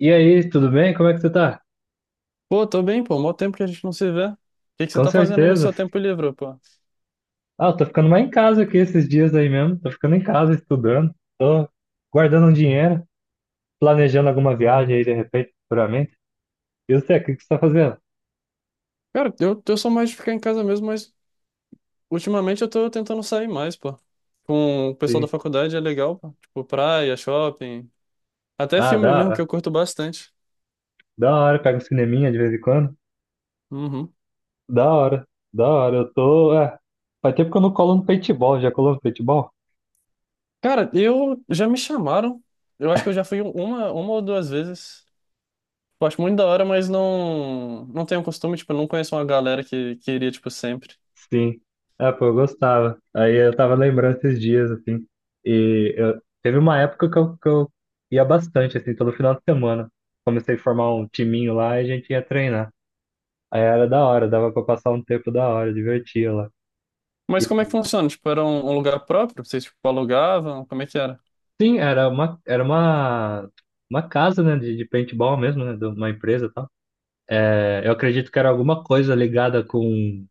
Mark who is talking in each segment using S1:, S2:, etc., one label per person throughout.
S1: E aí, tudo bem? Como é que você tá?
S2: Pô, tô bem, pô. Mó tempo que a gente não se vê. O que que você
S1: Com
S2: tá fazendo aí no
S1: certeza.
S2: seu tempo livre, pô?
S1: Ah, eu tô ficando mais em casa aqui esses dias aí mesmo. Tô ficando em casa estudando. Tô guardando um dinheiro, planejando alguma viagem aí de repente, futuramente. E você, o que que você tá fazendo?
S2: Cara, eu sou mais de ficar em casa mesmo, mas ultimamente eu tô tentando sair mais, pô. Com o pessoal da
S1: Sim.
S2: faculdade é legal, pô. Tipo, praia, shopping, até
S1: Ah,
S2: filme mesmo, que
S1: da,
S2: eu curto bastante.
S1: da hora. Pega um cineminha de vez em quando.
S2: Uhum.
S1: Da hora. Da hora. Faz tempo que eu não colo no paintball. Já colou no paintball?
S2: Cara, eu já me chamaram. Eu acho que eu já fui uma ou duas vezes. Eu acho muito da hora, mas não, não tenho costume, tipo, eu não conheço uma galera que iria, tipo, sempre.
S1: Sim. Ah, pô, eu gostava. Aí eu tava lembrando esses dias, assim. Teve uma época que eu ia bastante, assim, todo final de semana. Comecei a formar um timinho lá e a gente ia treinar. Aí era da hora, dava pra passar um tempo da hora, divertia lá.
S2: Mas como é
S1: E,
S2: que funciona? Tipo, era um lugar próprio? Vocês, tipo, alugavam? Como é que era?
S1: sim, era uma casa, né, de paintball mesmo, né, de uma empresa e tal. É, eu acredito que era alguma coisa ligada com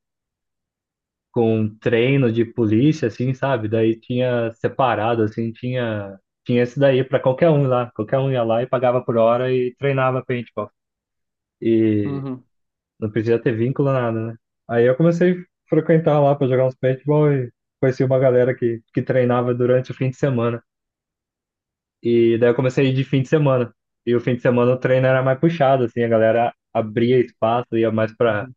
S1: com um treino de polícia, assim, sabe? Daí tinha separado, assim, tinha esse daí para qualquer um lá. Qualquer um ia lá e pagava por hora e treinava paintball. E
S2: Uhum.
S1: não podia ter vínculo, nada, né? Aí eu comecei a frequentar lá para jogar uns paintball e conheci uma galera que treinava durante o fim de semana. E daí eu comecei a ir de fim de semana. E o fim de semana o treino era mais puxado, assim, a galera abria espaço, ia mais para
S2: Uhum.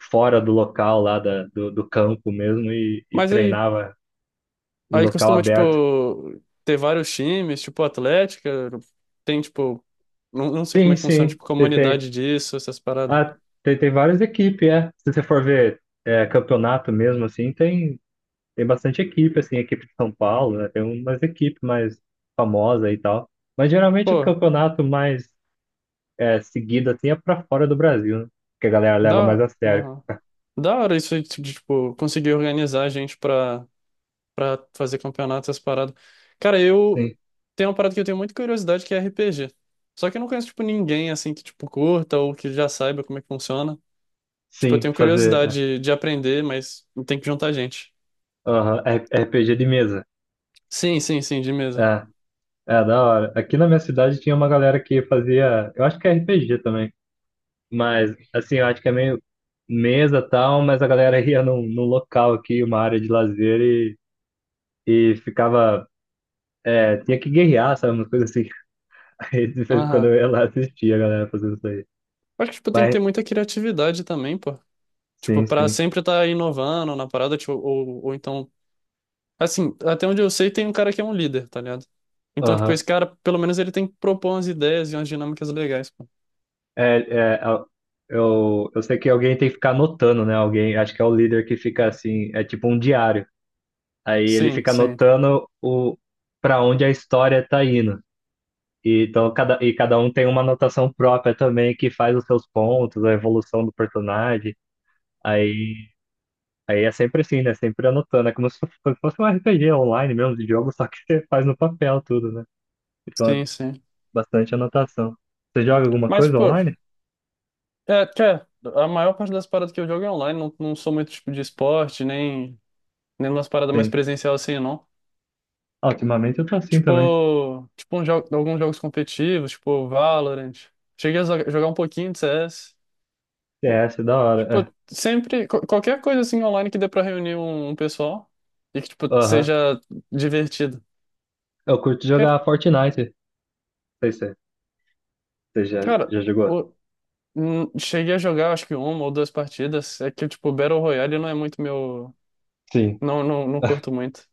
S1: fora do local lá do campo mesmo e
S2: Mas aí,
S1: treinava em
S2: aí
S1: local
S2: costuma,
S1: aberto.
S2: tipo, ter vários times, tipo, Atlética, tem, tipo, não, não sei como
S1: Sim,
S2: é que funciona,
S1: sim.
S2: tipo, comunidade disso, essas paradas.
S1: Ah, tem várias equipes, é. Se você for ver é, campeonato mesmo, assim, tem bastante equipe, assim, equipe de São Paulo, né? Tem umas equipes mais famosas e tal. Mas geralmente o
S2: Pô,
S1: campeonato mais seguido, assim, é pra fora do Brasil, né? Que a galera leva mais
S2: dá,
S1: a sério.
S2: uhum. Da hora isso aí de, tipo, conseguir organizar a gente pra fazer campeonato, essas paradas. Cara, eu
S1: Sim.
S2: tem uma parada que eu tenho muita curiosidade, que é RPG. Só que eu não conheço, tipo, ninguém, assim, que, tipo, curta ou que já saiba como é que funciona. Tipo, eu
S1: Sim,
S2: tenho curiosidade de aprender, mas tem que juntar gente.
S1: aham, RPG de mesa.
S2: Sim, sim, sim, de mesa.
S1: É, é da hora. Aqui na minha cidade tinha uma galera que fazia, eu acho que é RPG também. Mas, assim, eu acho que é meio mesa e tal, mas a galera ia num local aqui, uma área de lazer, e ficava. É, tinha que guerrear, sabe? Umas coisas assim. Aí, de vez em quando
S2: Aham.
S1: eu ia lá assistir a galera fazendo isso aí.
S2: Acho que, tipo, tem que
S1: Mas,
S2: ter muita criatividade também, pô. Tipo,
S1: sim,
S2: pra
S1: sim.
S2: sempre estar inovando na parada, tipo, ou então... Assim, até onde eu sei, tem um cara que é um líder, tá ligado? Então, tipo, esse
S1: Aham.
S2: cara, pelo menos ele tem que propor umas ideias e umas dinâmicas legais, pô.
S1: É, é, a- eu sei que alguém tem que ficar anotando, né? Alguém, acho que é o líder que fica assim, é tipo um diário. Aí ele
S2: Sim,
S1: fica
S2: sim,
S1: anotando o, pra onde a história tá indo. E, então, cada um tem uma anotação própria também que faz os seus pontos, a evolução do personagem. Aí, aí é sempre assim, né? Sempre anotando. É como se fosse um RPG online mesmo, de jogo, só que você faz no papel tudo, né? Então é
S2: sim, sim.
S1: bastante anotação. Você joga alguma
S2: Mas,
S1: coisa
S2: tipo,
S1: online?
S2: é, que é, a maior parte das paradas que eu jogo é online, não, não sou muito, tipo, de esporte, nem, nem umas paradas mais
S1: Sim.
S2: presencial assim, não.
S1: Ah, ultimamente eu tô assim também.
S2: Tipo, tipo um jo alguns jogos competitivos, tipo Valorant. Cheguei a jogar um pouquinho de CS.
S1: C S da hora.
S2: Tipo, sempre, qualquer coisa assim online que dê pra reunir um pessoal e que, tipo,
S1: É. Aham.
S2: seja divertido.
S1: Eu curto
S2: Quer-
S1: jogar Fortnite. Não sei se você já,
S2: Cara,
S1: já jogou.
S2: o- cheguei a jogar acho que uma ou duas partidas. É que, tipo, Battle Royale não é muito meu.
S1: Sim.
S2: Não, curto muito.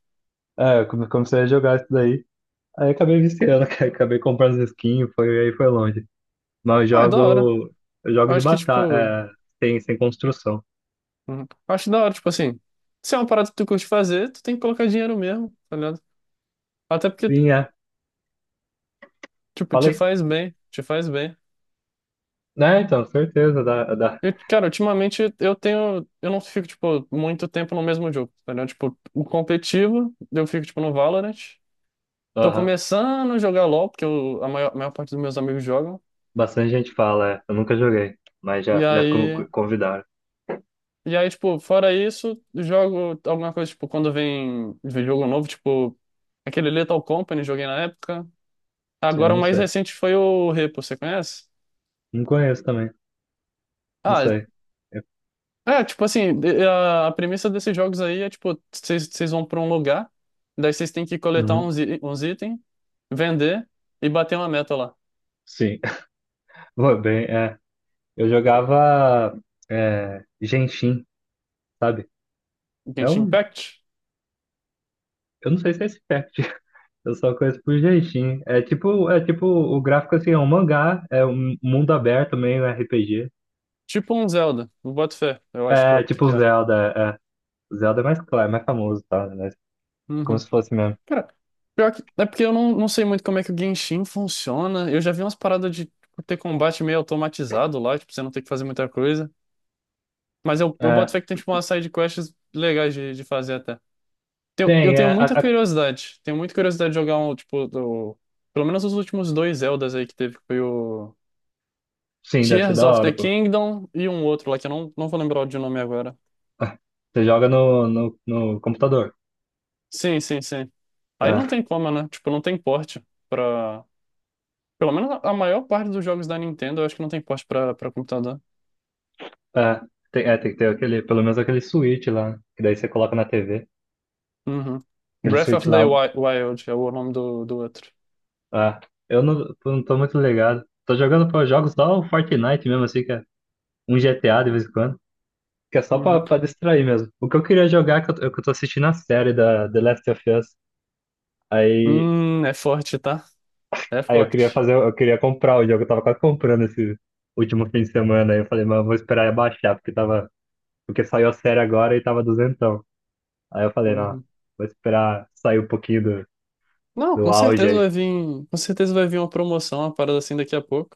S1: É, eu comecei a jogar isso daí. Aí acabei viciando, cara. Acabei comprando as skins, foi, aí foi longe. Mas eu
S2: Ah, é da hora.
S1: jogo, eu
S2: Eu
S1: jogo de
S2: acho que, tipo.
S1: batalha, sem construção.
S2: Hum, Acho da hora, tipo assim. Se é uma parada que tu curte fazer, tu tem que colocar dinheiro mesmo, tá ligado? Até porque,
S1: Sim, é.
S2: tipo, te
S1: Falei.
S2: faz bem. Te faz bem.
S1: Né, então, certeza. Dá, dá.
S2: Eu, cara, ultimamente eu tenho. Eu não fico, tipo, muito tempo no mesmo jogo, entendeu? Tipo, o competitivo, eu fico, tipo, no Valorant. Tô
S1: Aham.
S2: começando a jogar LoL, porque a maior parte dos meus amigos jogam.
S1: Bastante gente fala, é. Eu nunca joguei, mas
S2: E
S1: já con-
S2: aí.
S1: convidaram.
S2: E aí, tipo, fora isso, jogo alguma coisa, tipo, quando vem jogo novo, tipo, aquele Lethal Company, joguei na época.
S1: Sim, eu
S2: Agora o
S1: não
S2: mais
S1: sei.
S2: recente foi o Repo, você conhece?
S1: Não conheço também. Não
S2: Ah,
S1: sei. É,
S2: é, tipo assim, a premissa desses jogos aí é tipo, vocês vão pra um lugar, daí vocês têm que coletar
S1: uhum,
S2: uns, uns itens, vender e bater uma meta lá.
S1: sim. Foi bem, é. Eu jogava Genshin, sabe? É
S2: Genshin
S1: um.
S2: Impact?
S1: Eu não sei se é esse pack. Eu só conheço por Genshin. É tipo, o gráfico assim, é um mangá, é um mundo aberto, meio RPG.
S2: Tipo um Zelda, eu boto fé, eu acho
S1: É, tipo o
S2: que é.
S1: Zelda, é. Zelda é mais claro, mais famoso, tá? Mas é como
S2: Uhum.
S1: se fosse mesmo.
S2: Cara, pior que, é porque eu não, não sei muito como é que o Genshin funciona. Eu já vi umas paradas de tipo, ter combate meio automatizado lá, tipo, você não tem que fazer muita coisa. Mas eu
S1: É,
S2: boto fé que tem tipo umas side quests legais de fazer até.
S1: sim,
S2: Eu tenho muita curiosidade. Tenho muita curiosidade de jogar um, tipo, do, pelo menos os últimos dois Zeldas aí que teve, que foi o
S1: sim, deve ser
S2: Tears
S1: da
S2: of the
S1: hora, pô.
S2: Kingdom e um outro lá, que eu não, não vou lembrar de nome agora.
S1: Você joga no computador.
S2: Sim, sim, sim. Aí não
S1: É,
S2: tem como, né? Tipo, não tem porte pra. Pelo menos a maior parte dos jogos da Nintendo, eu acho que não tem porte pra, pra computador.
S1: é, é, tem que ter aquele, pelo menos aquele switch lá, que daí você coloca na TV.
S2: Uhum.
S1: Aquele
S2: Breath of
S1: switch
S2: the
S1: lá.
S2: Wild é o nome do, do outro.
S1: É, eu não tô muito ligado. Tô jogando, pô, eu jogo só o Fortnite mesmo, assim, que é um GTA de vez em quando. Que é só pra,
S2: Uhum.
S1: pra distrair mesmo. O que eu queria jogar, é que eu tô assistindo a série da The Last of Us. Aí
S2: É forte, tá? É
S1: Aí eu queria
S2: forte.
S1: fazer, eu queria comprar o jogo, eu tava quase comprando esse último fim de semana. Aí eu falei, mas eu vou esperar abaixar, porque saiu a série agora e tava duzentão. Aí eu falei, não,
S2: Uhum.
S1: vou esperar sair um pouquinho do,
S2: Não,
S1: do
S2: com
S1: auge
S2: certeza
S1: aí.
S2: vai vir, com certeza vai vir uma promoção, uma parada assim daqui a pouco.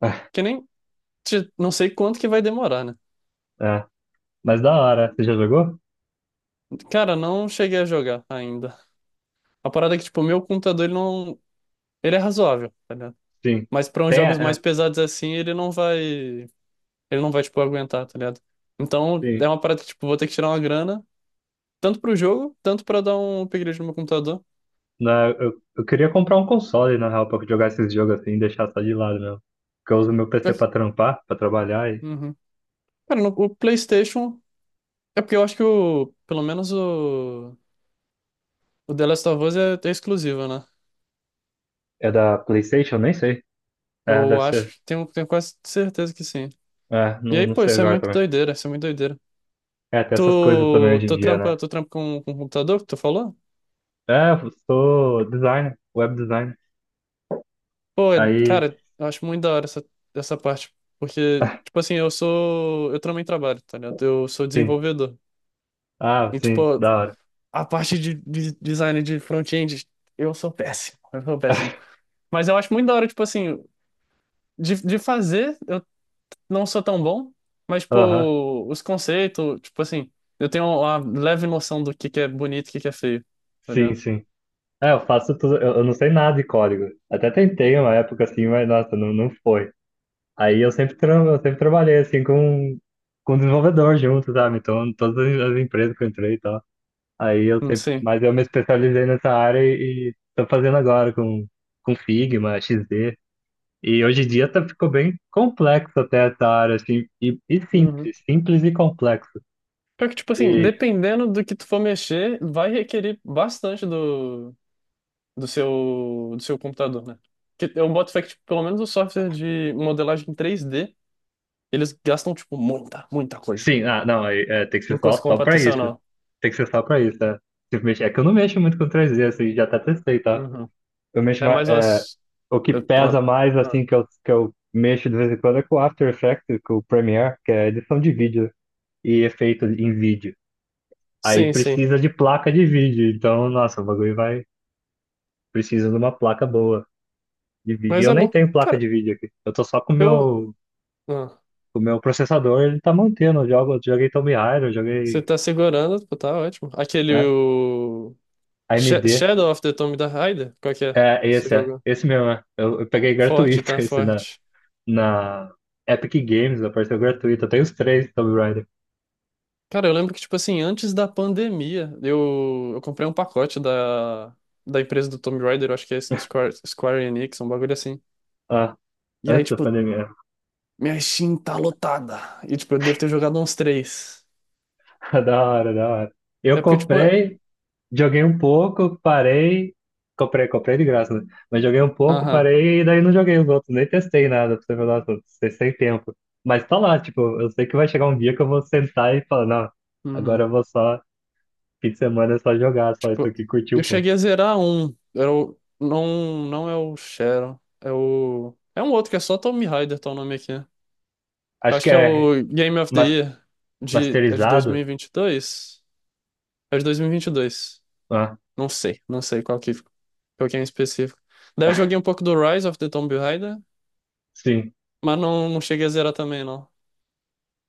S2: Que nem, não sei quanto que vai demorar, né?
S1: É, mas da hora, você já jogou?
S2: Cara, não cheguei a jogar ainda. A parada é que, tipo, o meu computador, ele não, ele é razoável, tá ligado?
S1: Sim.
S2: Mas pra uns
S1: Tem,
S2: jogos mais
S1: é,
S2: pesados assim, ele não vai, tipo, aguentar, tá ligado? Então,
S1: sim.
S2: é uma parada que, tipo, vou ter que tirar uma grana, tanto pro jogo, tanto pra dar um upgrade no meu computador.
S1: Eu queria comprar um console, na real, pra jogar esses jogos assim e deixar só de lado mesmo. Porque eu uso meu
S2: Já
S1: PC
S2: que-
S1: pra trampar, pra trabalhar.
S2: Uhum. Cara, no, o PlayStation, é porque eu acho que o, pelo menos o The Last of Us é exclusivo, né?
S1: É da PlayStation? Nem sei. É, deve
S2: Eu acho
S1: ser.
S2: que tenho, tenho quase certeza que sim.
S1: É,
S2: E
S1: não,
S2: aí,
S1: não
S2: pô,
S1: sei
S2: isso é
S1: agora
S2: muito
S1: também.
S2: doideira, isso é muito doideira.
S1: É, tem essas coisas também
S2: Tu,
S1: hoje em
S2: tu
S1: dia, né?
S2: trampa, tu trampa com o computador que tu falou?
S1: É, eu sou designer, web designer.
S2: Pô,
S1: Aí,
S2: cara, eu acho muito da hora essa, essa parte. Porque, tipo assim, eu sou. Eu também trabalho, tá ligado? Eu sou
S1: sim.
S2: desenvolvedor.
S1: Ah,
S2: E,
S1: sim,
S2: tipo,
S1: da hora.
S2: a parte de design de front-end, eu sou péssimo. Eu sou péssimo. Mas eu acho muito da hora, tipo assim, de fazer. Não sou tão bom, mas,
S1: Aham,
S2: tipo, os conceitos, tipo assim, eu tenho uma leve noção do que é bonito e o que que é feio, tá
S1: sim,
S2: ligado?
S1: sim. É, eu faço tudo, eu não sei nada de código. Até tentei uma época assim, mas nossa, não, não foi. Aí eu sempre, tra eu sempre trabalhei assim com desenvolvedor junto, sabe? Então, em todas as empresas que eu entrei e tal. Aí eu sempre,
S2: Sim.
S1: mas eu me especializei nessa área e tô fazendo agora com Figma, XD. E hoje em dia tá, ficou bem complexo até essa área, assim, e
S2: Uhum.
S1: simples, simples e complexo.
S2: Pior que, tipo assim,
S1: E
S2: dependendo do que tu for mexer, vai requerer bastante do, do seu computador, né? Que eu boto fé que, tipo, pelo menos o software de modelagem 3D, eles gastam, tipo, muita, muita coisa.
S1: sim, ah, não, aí, é, tem que ser
S2: Em
S1: só,
S2: coisa
S1: só pra isso.
S2: computacional.
S1: Tem que ser só pra isso, né? Se mexer- É que eu não mexo muito com 3D, assim, já até testei, tá?
S2: Uhum.
S1: Eu mexo
S2: É
S1: mais,
S2: mais umas...
S1: o que
S2: eu-
S1: pesa
S2: uma-
S1: mais,
S2: ah,
S1: assim, que eu mexo de vez em quando é com o After Effects, com o Premiere, que é edição de vídeo e efeito em vídeo. Aí
S2: Sim, sim.
S1: precisa de placa de vídeo, então, nossa, o bagulho vai, precisa de uma placa boa de vídeo. E
S2: Mas
S1: Eu
S2: é
S1: nem
S2: bom.
S1: tenho placa
S2: Cara,
S1: de vídeo aqui. Eu tô só com o
S2: eu.
S1: meu, com o meu processador, ele tá mantendo. Eu joguei Tomb Raider, eu
S2: Você
S1: joguei,
S2: tá segurando, pô, tá ótimo. Aquele
S1: né,
S2: o...
S1: AMD.
S2: Shadow of the Tomb Raider, qual que é? Você
S1: É.
S2: joga?
S1: Esse mesmo, é. Eu peguei
S2: Forte,
S1: gratuito
S2: tá
S1: esse na,
S2: forte.
S1: na Epic Games, apareceu gratuito. Eu tenho os três Tomb Raider.
S2: Cara, eu lembro que, tipo assim, antes da pandemia, eu comprei um pacote da, da empresa do Tomb Raider, eu acho que é Square, Square Enix, um bagulho assim.
S1: Ah,
S2: E aí,
S1: antes da
S2: tipo,
S1: pandemia.
S2: minha Steam tá lotada. E, tipo, eu devo ter jogado uns três.
S1: Da hora, da hora. Eu
S2: É porque, tipo, é-
S1: comprei. Joguei um pouco, parei. Comprei de graça, né? Mas joguei um pouco,
S2: aham.
S1: parei e daí não joguei os outros. Nem testei nada pra você ver, nossa, sem tempo. Mas tá lá, tipo, eu sei que vai chegar um dia que eu vou sentar e falar, não, agora
S2: uhum.
S1: eu vou só, fim de semana é só jogar, só isso
S2: Tipo,
S1: aqui, curtir
S2: eu
S1: um pouco.
S2: cheguei a zerar um. Era o, não, não é o Sharon. É o. É um outro que é só Tomb Raider, tá o nome aqui.
S1: Acho
S2: Acho
S1: que
S2: que é
S1: é
S2: o Game of the
S1: mas-
S2: Year de, é de
S1: masterizado?
S2: 2022? É de 2022.
S1: Ah,
S2: Não sei, não sei qual que é em específico. Daí eu joguei um pouco do Rise of the Tomb Raider,
S1: sim.
S2: mas não, não cheguei a zerar também, não.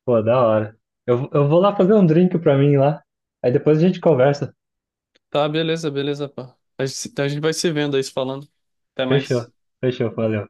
S1: Pô, da hora. Eu vou lá fazer um drink pra mim lá. Aí depois a gente conversa.
S2: Tá, beleza, beleza, pá. A gente, a gente vai se vendo aí, se falando. Até
S1: Fechou,
S2: mais.
S1: fechou, valeu.